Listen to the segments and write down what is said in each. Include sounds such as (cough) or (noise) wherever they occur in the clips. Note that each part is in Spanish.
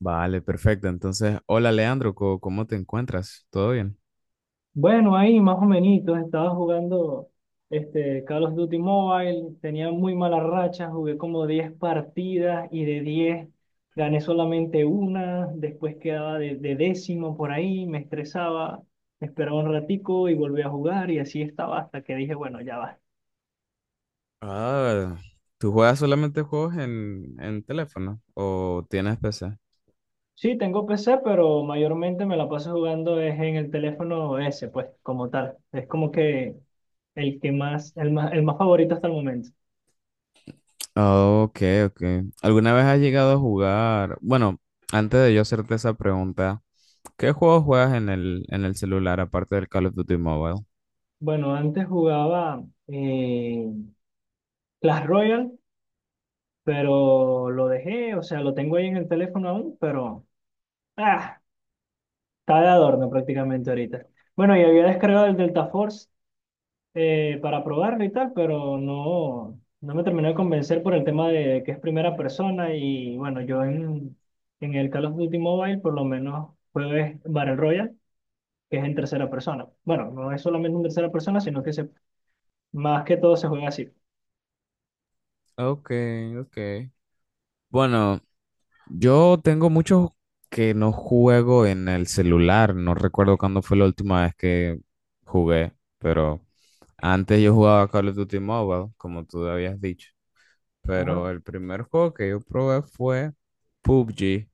Vale, perfecto. Entonces, hola Leandro, ¿cómo te encuentras? ¿Todo bien? Bueno, ahí más o menos, estaba jugando este Call of Duty Mobile, tenía muy mala racha, jugué como 10 partidas y de 10 gané solamente una, después quedaba de décimo por ahí, me estresaba, esperaba un ratico y volví a jugar y así estaba hasta que dije, bueno, ya va. Ah, ¿tú juegas solamente juegos en teléfono o tienes PC? Sí, tengo PC, pero mayormente me la paso jugando es en el teléfono ese, pues, como tal. Es como que el más favorito hasta el momento. Ok, ok. ¿Alguna vez has llegado a jugar? Bueno, antes de yo hacerte esa pregunta, ¿qué juegos juegas en el celular aparte del Call of Duty Mobile? Bueno, antes jugaba Clash Royale, pero lo dejé, o sea, lo tengo ahí en el teléfono aún, pero ah, está de adorno prácticamente ahorita. Bueno, y había descargado el Delta Force para probarlo y tal, pero no, no me terminó de convencer por el tema de que es primera persona y bueno, yo en el Call of Duty Mobile por lo menos juego es Battle Royale, que es en tercera persona. Bueno, no es solamente en tercera persona, más que todo se juega así. Ok, ok. Bueno, yo tengo muchos que no juego en el celular. No recuerdo cuándo fue la última vez que jugué, pero antes yo jugaba Call of Duty Mobile, como tú habías dicho. Ajá, Pero el primer juego que yo probé fue PUBG,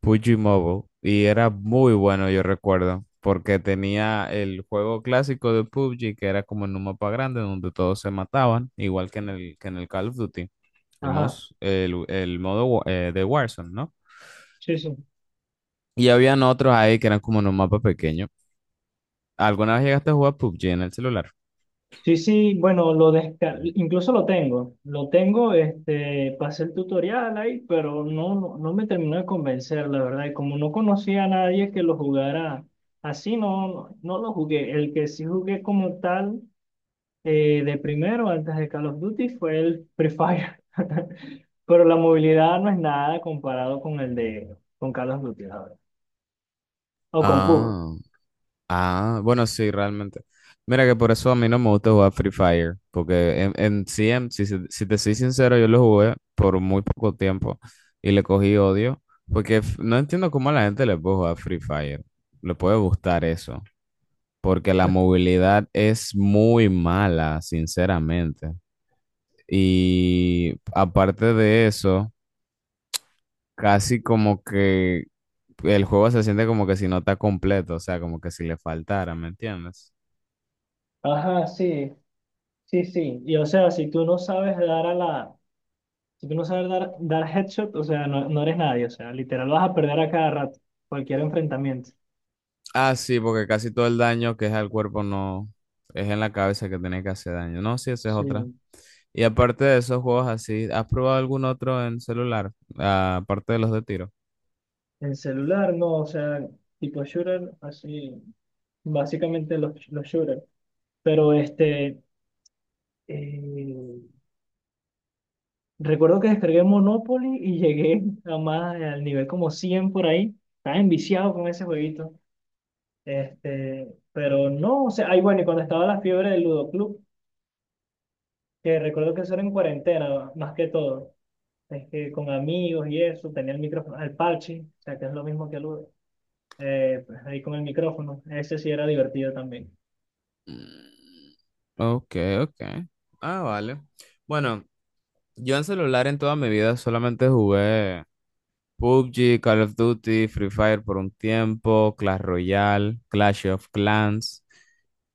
PUBG Mobile, y era muy bueno, yo recuerdo, porque tenía el juego clásico de PUBG, que era como en un mapa grande donde todos se mataban, igual que en el Call of Duty, el, ajá. mos- el, el modo de Warzone, ¿no? Sí, sí. Y habían otros ahí que eran como en un mapa pequeño. ¿Alguna vez llegaste a jugar PUBG en el celular? Sí, sí, bueno, incluso lo tengo. Lo tengo, este, pasé el tutorial ahí, pero no, no, no me terminó de convencer, la verdad. Y como no conocía a nadie que lo jugara así, no, no, no lo jugué. El que sí jugué como tal de primero, antes de Call of Duty, fue el Free Fire. (laughs) Pero la movilidad no es nada comparado con el de con Call of Duty, la verdad. O con PUBG. Ah, ah, bueno, sí, realmente. Mira que por eso a mí no me gusta jugar Free Fire, porque en sí, si te soy sincero, yo lo jugué por muy poco tiempo y le cogí odio, porque no entiendo cómo a la gente le puede jugar Free Fire, le puede gustar eso, porque la movilidad es muy mala, sinceramente. Y aparte de eso, casi como que el juego se siente como que si no está completo, o sea, como que si le faltara, ¿me entiendes? Ajá, sí, sí, sí. Y o sea, Si tú no sabes dar, headshot, o sea, no, no eres nadie, o sea, literal vas a perder a cada rato, cualquier enfrentamiento. Ah, sí, porque casi todo el daño que es al cuerpo no es en la cabeza que tiene que hacer daño. No, sí, esa es Sí, otra. Y aparte de esos juegos así, ¿has probado algún otro en celular? Ah, aparte de los de tiro. en celular no, o sea, tipo shooter, así, básicamente los shooters. Pero este, eh, recuerdo que descargué Monopoly y (laughs) llegué a más, al nivel como 100 por ahí. Estaba enviciado con ese jueguito. Este, pero no, o sea, ahí bueno, y cuando estaba la fiebre del Ludo Club, que recuerdo que eso era en cuarentena, más que todo. Es que con amigos y eso, tenía el micrófono, el parche, o sea, que es lo mismo que el Uber, pues ahí con el micrófono, ese sí era divertido también. Mm. Ok, ok. Ah, vale. Bueno, yo en celular en toda mi vida solamente jugué PUBG, Call of Duty, Free Fire por un tiempo, Clash Royale, Clash of Clans.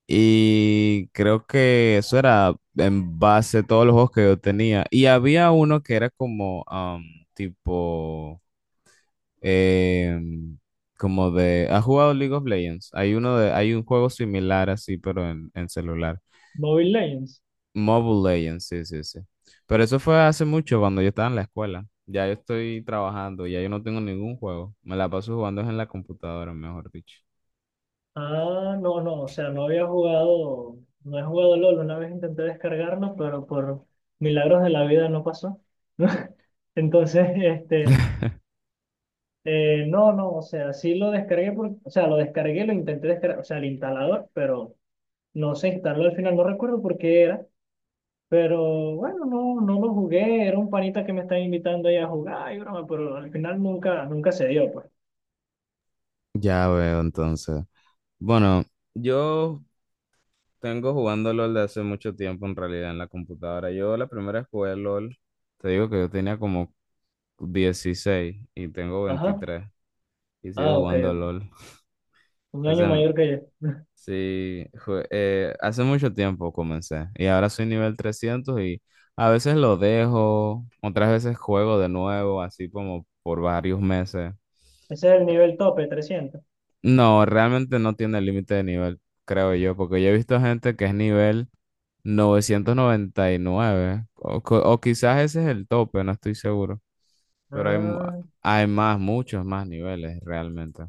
Y creo que eso era en base a todos los juegos que yo tenía. Y había uno que era como tipo em, como de. ¿Has jugado League of Legends? Hay uno de, hay un juego similar así, pero en celular. Mobile Legends. Mobile Legends, sí, sí, sí. Pero eso fue hace mucho cuando yo estaba en la escuela. Ya yo estoy trabajando, ya yo no tengo ningún juego. Me la paso jugando en la computadora, mejor dicho. Ah, no, no, o sea, no he jugado LOL, una vez intenté descargarlo, pero por milagros de la vida no pasó. (laughs) Entonces, este, no, no, o sea, sí lo descargué, o sea, lo descargué, lo intenté descargar, o sea, el instalador, pero no se instaló al final, no recuerdo por qué era. Pero bueno, no, no lo jugué, era un panita que me estaba invitando ahí a jugar, y broma, pero al final nunca, nunca se dio, pues. Ya veo, entonces. Bueno, yo tengo jugando LOL de hace mucho tiempo en realidad en la computadora. Yo la primera vez que jugué LOL, te digo que yo tenía como 16 y tengo Ajá. 23 y sigo Ah, ok, jugando ok. LOL. Un año Ese- mayor que yo. (laughs) Sí, hace mucho tiempo comencé y ahora soy nivel 300 y a veces lo dejo, otras veces juego de nuevo, así como por varios meses. Ese es el nivel tope, 300. No, realmente no tiene límite de nivel, creo yo, porque yo he visto gente que es nivel 999 o, o quizás ese es el tope, no estoy seguro, pero Ah. hay más, muchos más niveles realmente.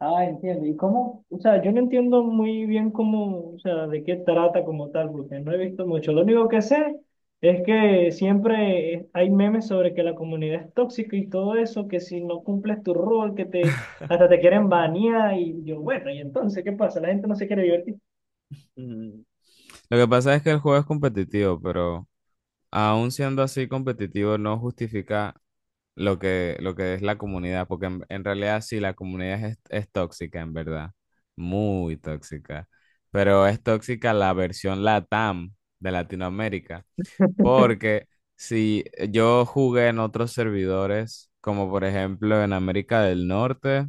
Ah, entiendo. ¿Y cómo? O sea, yo no entiendo muy bien cómo, o sea, de qué trata como tal, porque no he visto mucho. Lo único que sé es que siempre hay memes sobre que la comunidad es tóxica y todo eso, que si no cumples tu rol, que te hasta te quieren banear y yo, bueno, ¿y entonces qué pasa? La gente no se quiere divertir. Mm, Lo que pasa es que el juego es competitivo, pero aún siendo así competitivo, no justifica lo que es la comunidad, porque en realidad sí, la comunidad es tóxica, en verdad, muy tóxica, pero es tóxica la versión LATAM de Latinoamérica, porque si yo jugué en otros servidores, como por ejemplo en América del Norte,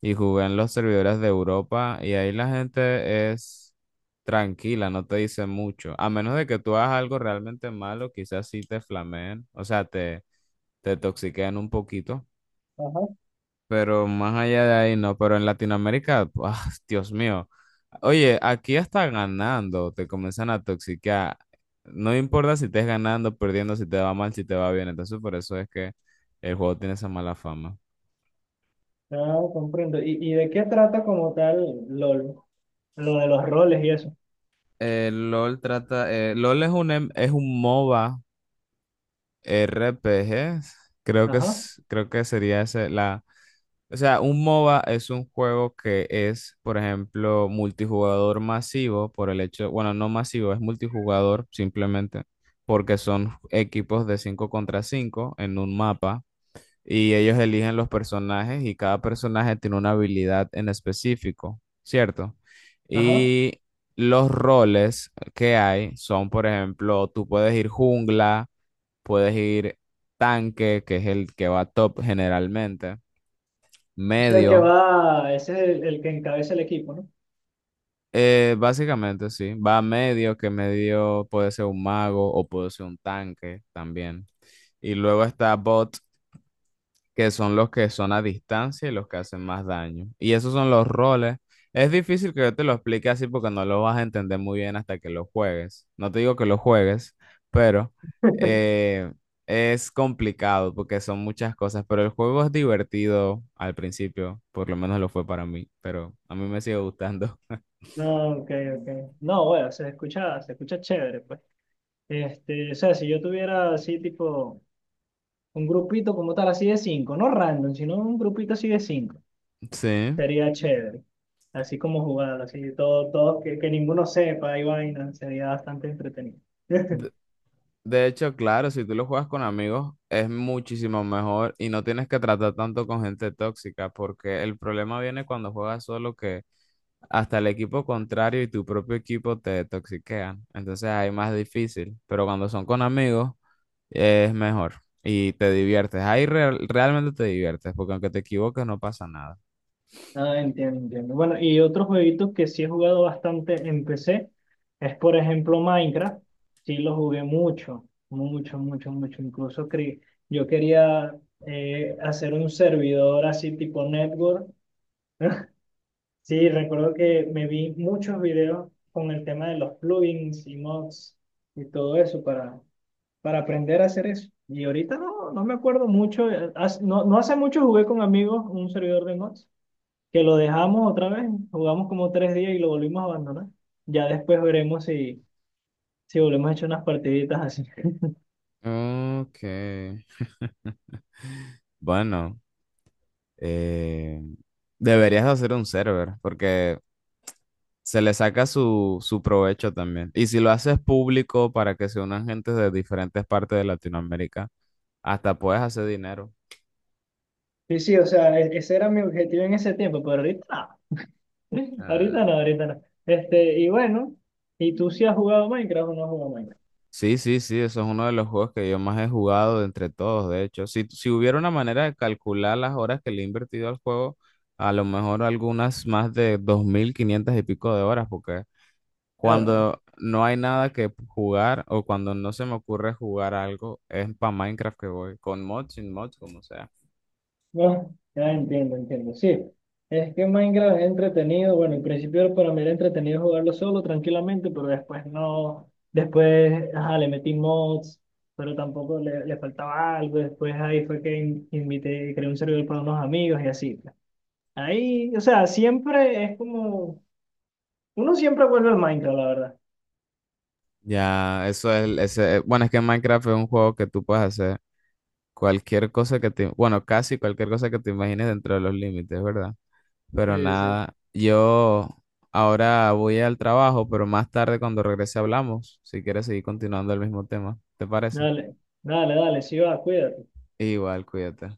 y jugué en los servidores de Europa y ahí la gente es tranquila, no te dice mucho. A menos de que tú hagas algo realmente malo, quizás sí te flameen, o sea, te toxiquean un poquito, Ajá. pero más allá de ahí no. Pero en Latinoamérica, (laughs) ¡buah! Dios mío. Oye, aquí hasta ganando, te comienzan a toxiquear. No importa si estés ganando, perdiendo, si te va mal, si te va bien. Entonces, por eso es que el juego tiene esa mala fama. Ah, comprendo. ¿Y de qué trata como tal LOL? Lo de los roles y eso. LOL es un MOBA RPG, creo que Ajá, es, creo que sería ese, la, o sea, un MOBA es un juego que es, por ejemplo, multijugador masivo por el hecho, bueno, no masivo, es multijugador simplemente porque son equipos de 5 contra 5 en un mapa y ellos eligen los personajes y cada personaje tiene una habilidad en específico, ¿cierto? ajá. Y los roles que hay son, por ejemplo, tú puedes ir jungla, puedes ir tanque, que es el que va top generalmente, O sea, el que medio, va, ese es el que encabeza el equipo, ¿no? Básicamente sí, va medio, que medio puede ser un mago o puede ser un tanque también. Y luego está bot, que son los que son a distancia y los que hacen más daño. Y esos son los roles. Es difícil que yo te lo explique así porque no lo vas a entender muy bien hasta que lo juegues. No te digo que lo juegues, pero eh, es complicado porque son muchas cosas. Pero el juego es divertido al principio, por lo menos lo fue para mí, pero a mí me sigue gustando. No, ok, ok. No, bueno, se escucha chévere, pues. Este, o sea, si yo tuviera así tipo un grupito como tal, así de cinco, no random, sino un grupito así de cinco, (laughs) Sí. sería chévere. Así como jugar, así todo, todo, que ninguno sepa y vaina, sería bastante entretenido. De hecho, claro, si tú lo juegas con amigos es muchísimo mejor y no tienes que tratar tanto con gente tóxica, porque el problema viene cuando juegas solo que hasta el equipo contrario y tu propio equipo te toxiquean. Entonces ahí más difícil, pero cuando son con amigos es mejor y te diviertes. Ahí realmente te diviertes, porque aunque te equivoques no pasa nada. Ah, entiendo, entiendo. Bueno, y otro jueguito que sí he jugado bastante en PC es, por ejemplo, Minecraft. Sí lo jugué mucho, mucho, mucho, mucho. Yo quería hacer un servidor así tipo network. (laughs) Sí, recuerdo que me vi muchos videos con el tema de los plugins y mods y todo eso para, aprender a hacer eso. Y ahorita no, no me acuerdo mucho. No, no hace mucho jugué con amigos un servidor de mods que lo dejamos otra vez, jugamos como 3 días y lo volvimos a abandonar. Ya después veremos si, si volvemos a echar unas partiditas así. (laughs) Ok. (laughs) Bueno, eh, deberías de hacer un server, porque se le saca su provecho también. Y si lo haces público para que se unan gentes de diferentes partes de Latinoamérica, hasta puedes hacer dinero. Sí, sí, o sea, ese era mi objetivo en ese tiempo, pero ahorita no, (laughs) ahorita Ah. no, ahorita no. Este, y bueno, ¿y tú sí has jugado Minecraft o no has jugado Minecraft? Sí, sí, sí, eso es uno de los juegos que yo más he jugado de entre todos, de hecho. Si hubiera una manera de calcular las horas que le he invertido al juego, a lo mejor algunas más de 2.500 y pico de horas, porque Claro, ¿no? cuando no hay nada que jugar o cuando no se me ocurre jugar algo, es para Minecraft que voy, con mods, sin mods, como sea. No, ya entiendo, entiendo. Sí, es que Minecraft es entretenido. Bueno, en principio para mí era entretenido jugarlo solo, tranquilamente, pero después no. Después, ajá, le metí mods, pero tampoco le, faltaba algo. Después ahí fue que invité, creé un servidor para unos amigos y así, pues. Ahí, o sea, siempre es como. Uno siempre vuelve al Minecraft, la verdad. Ya, eso es, ese, bueno, es que Minecraft es un juego que tú puedes hacer cualquier cosa que te, bueno, casi cualquier cosa que te imagines dentro de los límites, ¿verdad? Pero Sí, sí. nada, yo ahora voy al trabajo, pero más tarde cuando regrese hablamos, si quieres seguir continuando el mismo tema, ¿te parece? Dale, dale, dale, sí va, cuídate. Igual, cuídate.